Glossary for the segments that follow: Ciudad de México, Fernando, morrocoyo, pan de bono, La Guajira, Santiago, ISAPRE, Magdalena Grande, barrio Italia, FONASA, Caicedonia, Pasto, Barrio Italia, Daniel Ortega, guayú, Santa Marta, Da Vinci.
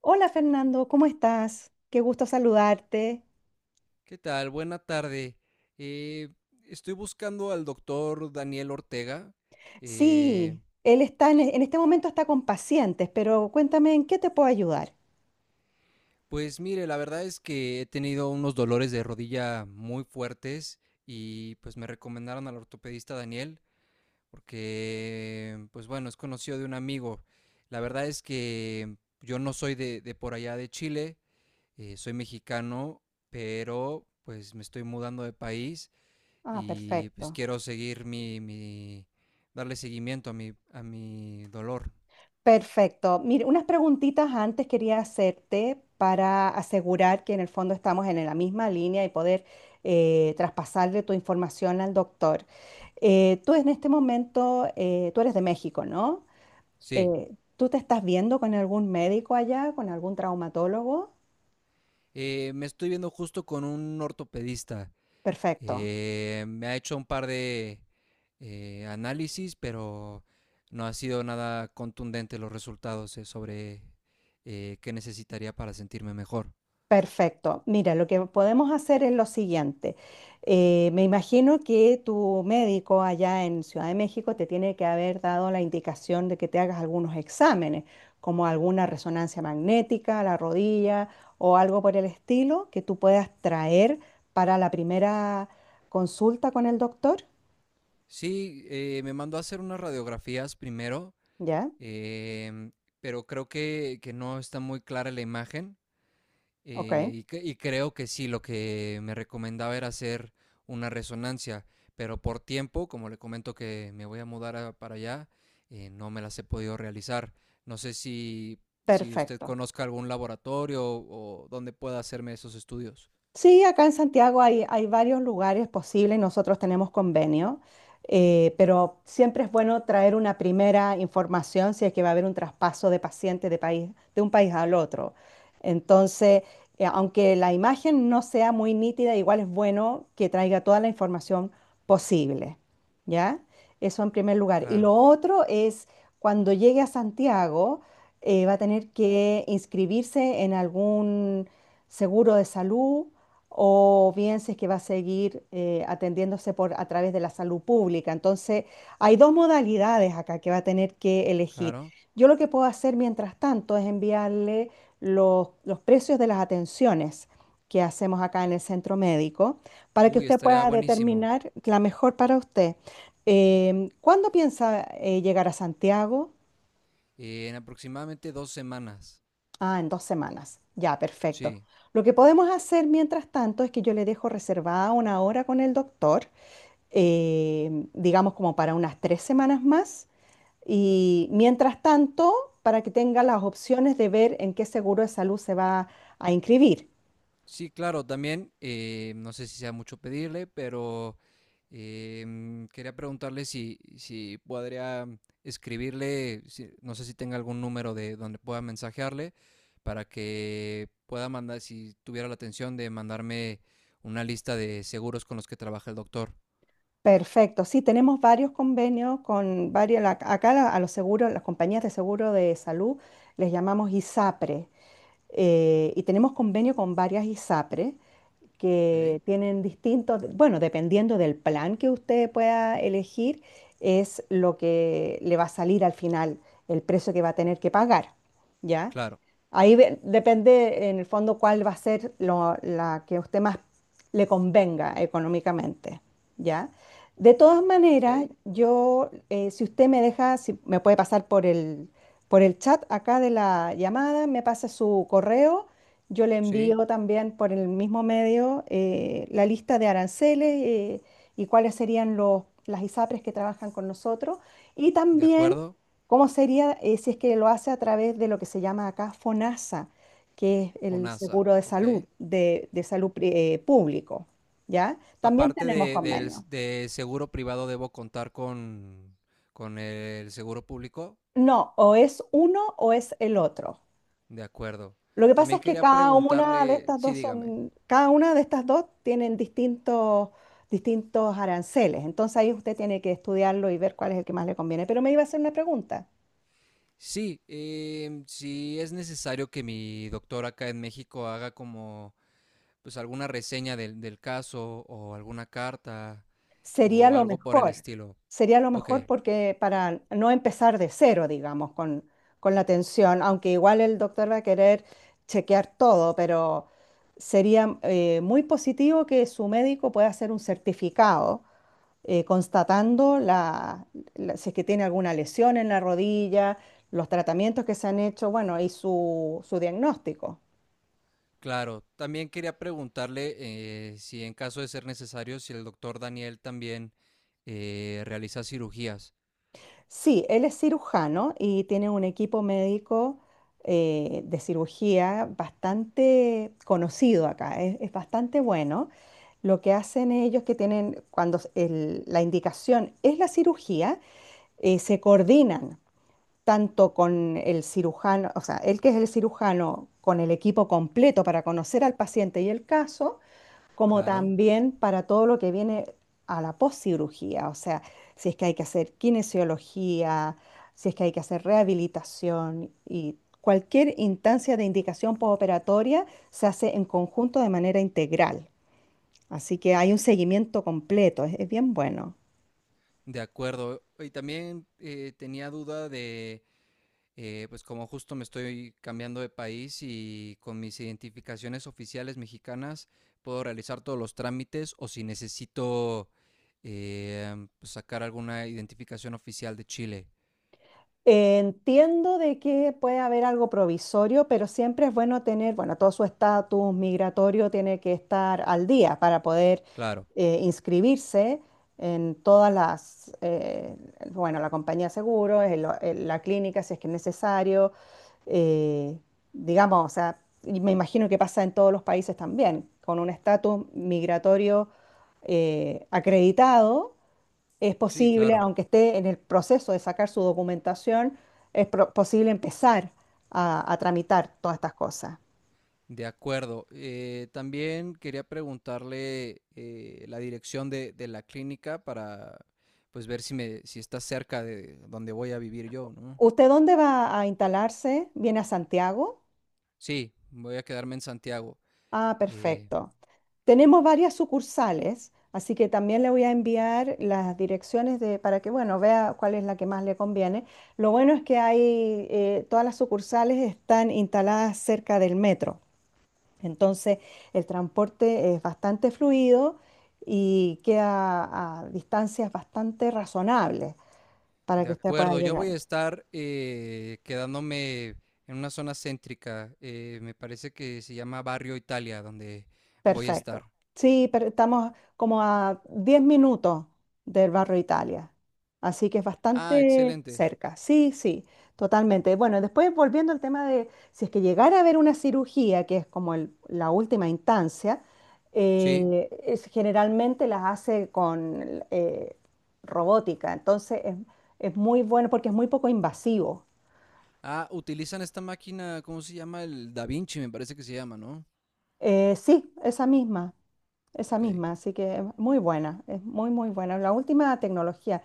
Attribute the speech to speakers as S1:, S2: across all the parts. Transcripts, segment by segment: S1: Hola Fernando, ¿cómo estás? Qué gusto saludarte.
S2: ¿Qué tal? Buena tarde. Eh, Estoy buscando al doctor Daniel Ortega. Eh,
S1: Sí, él está en este momento está con pacientes, pero cuéntame en qué te puedo ayudar.
S2: pues mire, la verdad es que he tenido unos dolores de rodilla muy fuertes y pues me recomendaron al ortopedista Daniel porque, pues bueno, es conocido de un amigo. La verdad es que yo no soy de por allá de Chile, soy mexicano, pero pues me estoy mudando de país
S1: Ah,
S2: y pues
S1: perfecto.
S2: quiero seguir mi darle seguimiento a mi dolor.
S1: Perfecto. Mire, unas preguntitas antes quería hacerte para asegurar que en el fondo estamos en la misma línea y poder traspasarle tu información al doctor. Tú en este momento, tú eres de México, ¿no?
S2: Sí.
S1: ¿Tú te estás viendo con algún médico allá, con algún traumatólogo?
S2: Me estoy viendo justo con un ortopedista.
S1: Perfecto.
S2: Me ha hecho un par de análisis, pero no ha sido nada contundente los resultados sobre qué necesitaría para sentirme mejor.
S1: Perfecto. Mira, lo que podemos hacer es lo siguiente. Me imagino que tu médico allá en Ciudad de México te tiene que haber dado la indicación de que te hagas algunos exámenes, como alguna resonancia magnética, a la rodilla o algo por el estilo que tú puedas traer para la primera consulta con el doctor.
S2: Sí, me mandó a hacer unas radiografías primero,
S1: ¿Ya?
S2: em, pero creo que no está muy clara la imagen.
S1: Ok.
S2: Y creo que sí, lo que me recomendaba era hacer una resonancia, pero por tiempo, como le comento que me voy a mudar para allá, no me las he podido realizar. No sé si usted
S1: Perfecto.
S2: conozca algún laboratorio o donde pueda hacerme esos estudios.
S1: Sí, acá en Santiago hay varios lugares posibles, nosotros tenemos convenio, pero siempre es bueno traer una primera información si es que va a haber un traspaso de pacientes de país, de un país al otro. Entonces, aunque la imagen no sea muy nítida, igual es bueno que traiga toda la información posible, ¿ya? Eso en primer lugar. Y
S2: Claro,
S1: lo otro es cuando llegue a Santiago, va a tener que inscribirse en algún seguro de salud o bien si es que va a seguir atendiéndose por, a través de la salud pública. Entonces, hay dos modalidades acá que va a tener que elegir.
S2: claro.
S1: Yo lo que puedo hacer mientras tanto es enviarle los precios de las atenciones que hacemos acá en el centro médico para que
S2: Uy,
S1: usted
S2: estaría
S1: pueda
S2: buenísimo.
S1: determinar la mejor para usted. ¿Cuándo piensa llegar a Santiago?
S2: En aproximadamente 2 semanas.
S1: Ah, en 2 semanas. Ya, perfecto.
S2: Sí.
S1: Lo que podemos hacer mientras tanto es que yo le dejo reservada una hora con el doctor digamos como para unas 3 semanas más. Y mientras tanto, para que tenga las opciones de ver en qué seguro de salud se va a inscribir.
S2: Sí, claro, también, no sé si sea mucho pedirle, pero quería preguntarle si podría escribirle, no sé si tenga algún número de donde pueda mensajearle para que pueda mandar, si tuviera la atención de mandarme una lista de seguros con los que trabaja el doctor.
S1: Perfecto, sí, tenemos varios convenios con varias, la- acá la- a los seguros, las compañías de seguro de salud les llamamos ISAPRE y tenemos convenio con varias ISAPRE
S2: Ok,
S1: que tienen distintos, bueno, dependiendo del plan que usted pueda elegir, es lo que le va a salir al final, el precio que va a tener que pagar, ¿ya?
S2: claro.
S1: Ahí ve- depende en el fondo cuál va a ser lo- la que a usted más le convenga económicamente, ¿ya? De todas
S2: Ok,
S1: maneras, yo, si usted me deja, si me puede pasar por por el chat acá de la llamada, me pasa su correo, yo le
S2: sí,
S1: envío también por el mismo medio la lista de aranceles y cuáles serían las ISAPRES que trabajan con nosotros y
S2: de
S1: también
S2: acuerdo.
S1: cómo sería si es que lo hace a través de lo que se llama acá FONASA, que es el
S2: FONASA,
S1: seguro de salud,
S2: ok.
S1: de salud pri- público, ¿ya? También
S2: Aparte
S1: tenemos
S2: de, del,
S1: convenio.
S2: de seguro privado, debo contar con el seguro público.
S1: No, o es uno o es el otro.
S2: De acuerdo.
S1: Lo que pasa
S2: También
S1: es que
S2: quería
S1: cada una de
S2: preguntarle,
S1: estas
S2: sí,
S1: dos
S2: dígame.
S1: son, cada una de estas dos tienen distintos, aranceles. Entonces ahí usted tiene que estudiarlo y ver cuál es el que más le conviene. Pero me iba a hacer una pregunta.
S2: Sí, si es necesario que mi doctor acá en México haga como pues alguna reseña del caso o alguna carta
S1: Sería
S2: o
S1: lo
S2: algo por el
S1: mejor,
S2: estilo. Ok,
S1: porque para no empezar de cero, digamos, con la atención, aunque igual el doctor va a querer chequear todo, pero sería muy positivo que su médico pueda hacer un certificado constatando la- si es que tiene alguna lesión en la rodilla, los tratamientos que se han hecho, bueno, y su diagnóstico.
S2: claro. También quería preguntarle si en caso de ser necesario, si el doctor Daniel también realiza cirugías.
S1: Sí, él es cirujano y tiene un equipo médico de cirugía bastante conocido acá, es bastante bueno. Lo que hacen ellos que tienen, cuando el- la indicación es la cirugía, se coordinan tanto con el cirujano, o sea, él que es el cirujano, con el equipo completo para conocer al paciente y el caso, como
S2: Claro.
S1: también para todo lo que viene a la poscirugía, o sea, si es que hay que hacer kinesiología, si es que hay que hacer rehabilitación y cualquier instancia de indicación postoperatoria se hace en conjunto de manera integral. Así que hay un seguimiento completo, es bien bueno.
S2: De acuerdo. Y también tenía duda de, pues como justo me estoy cambiando de país y con mis identificaciones oficiales mexicanas, ¿puedo realizar todos los trámites o si necesito eh, pues, sacar alguna identificación oficial de Chile?
S1: Entiendo de que puede haber algo provisorio, pero siempre es bueno tener, bueno, todo su estatus migratorio tiene que estar al día para poder
S2: Claro,
S1: inscribirse en todas bueno, la compañía de seguros, en lo- en la clínica si es que es necesario, eh, digamos, o sea, y me imagino que pasa en todos los países también, con un estatus migratorio acreditado es
S2: sí,
S1: posible,
S2: claro.
S1: aunque esté en el proceso de sacar su documentación, es pro- posible empezar a tramitar todas estas cosas.
S2: De acuerdo. También quería preguntarle la dirección de la clínica para pues ver si está cerca de donde voy a vivir yo, ¿no?
S1: ¿Usted dónde va a instalarse? ¿Viene a Santiago?
S2: Sí, voy a quedarme en Santiago.
S1: Ah,
S2: Eh,
S1: perfecto. Tenemos varias sucursales, así que también le voy a enviar las direcciones de, para que, bueno, vea cuál es la que más le conviene. Lo bueno es que hay, todas las sucursales están instaladas cerca del metro. Entonces, el transporte es bastante fluido y queda a distancias bastante razonables para
S2: de
S1: que usted pueda
S2: acuerdo, yo voy
S1: llegar.
S2: a estar quedándome en una zona céntrica. Me parece que se llama Barrio Italia, donde voy a
S1: Perfecto.
S2: estar.
S1: Sí, pero estamos como a 10 minutos del barrio Italia, así que es
S2: Ah,
S1: bastante
S2: excelente.
S1: cerca. Sí, sí, totalmente. Bueno, después volviendo al tema de si es que llegara a haber una cirugía, que es como el- la última instancia,
S2: Sí.
S1: es- generalmente las hace con robótica, es muy bueno porque es muy poco invasivo.
S2: Ah, utilizan esta máquina, ¿cómo se llama? El Da Vinci, me parece que se llama, ¿no?
S1: Sí, esa misma. Esa
S2: Ok.
S1: misma, así que es muy buena, es muy, muy buena. La última tecnología,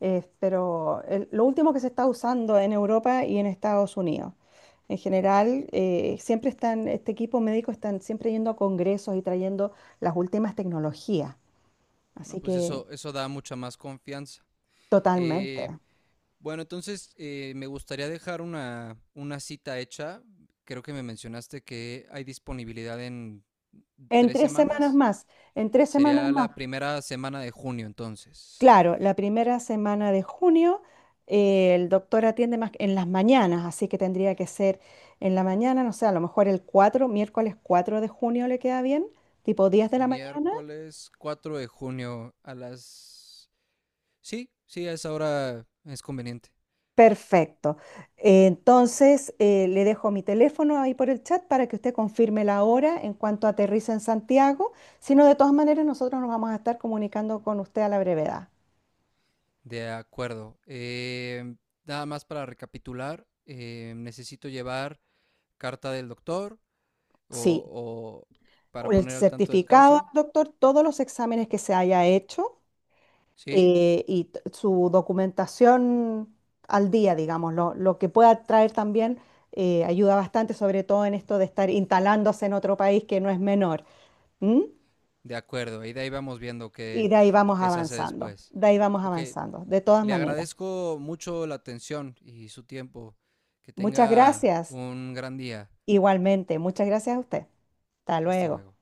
S1: pero el- lo último que se está usando en Europa y en Estados Unidos. En general, siempre están, este equipo médico están siempre yendo a congresos y trayendo las últimas tecnologías.
S2: No,
S1: Así
S2: pues
S1: que
S2: eso da mucha más confianza.
S1: totalmente.
S2: Eh, bueno, entonces me gustaría dejar una cita hecha. Creo que me mencionaste que hay disponibilidad en
S1: En
S2: tres
S1: 3 semanas
S2: semanas.
S1: más, en tres semanas
S2: Sería
S1: más.
S2: la primera semana de junio entonces.
S1: Claro, la primera semana de junio el doctor atiende más en las mañanas, así que tendría que ser en la mañana, no sé, a lo mejor miércoles 4 de junio le queda bien, tipo 10 de la mañana.
S2: Miércoles 4 de junio a las... Sí, sí, a esa hora es conveniente.
S1: Perfecto. Le dejo mi teléfono ahí por el chat para que usted confirme la hora en cuanto aterrice en Santiago, si no, de todas maneras nosotros nos vamos a estar comunicando con usted a la brevedad.
S2: De acuerdo. Nada más para recapitular, necesito llevar carta del doctor
S1: Sí,
S2: o, o para
S1: el
S2: poner al tanto del
S1: certificado,
S2: caso.
S1: doctor, todos los exámenes que se haya hecho
S2: Sí,
S1: y t- su documentación al día, digamos, lo que pueda traer también ayuda bastante, sobre todo en esto de estar instalándose en otro país que no es menor. ¿M?
S2: de acuerdo. Y de ahí vamos viendo
S1: Y
S2: qué,
S1: de ahí vamos
S2: qué se hace
S1: avanzando,
S2: después. Ok,
S1: de todas
S2: le
S1: maneras.
S2: agradezco mucho la atención y su tiempo. Que
S1: Muchas
S2: tenga
S1: gracias,
S2: un gran día.
S1: igualmente, muchas gracias a usted. Hasta
S2: Hasta
S1: luego.
S2: luego.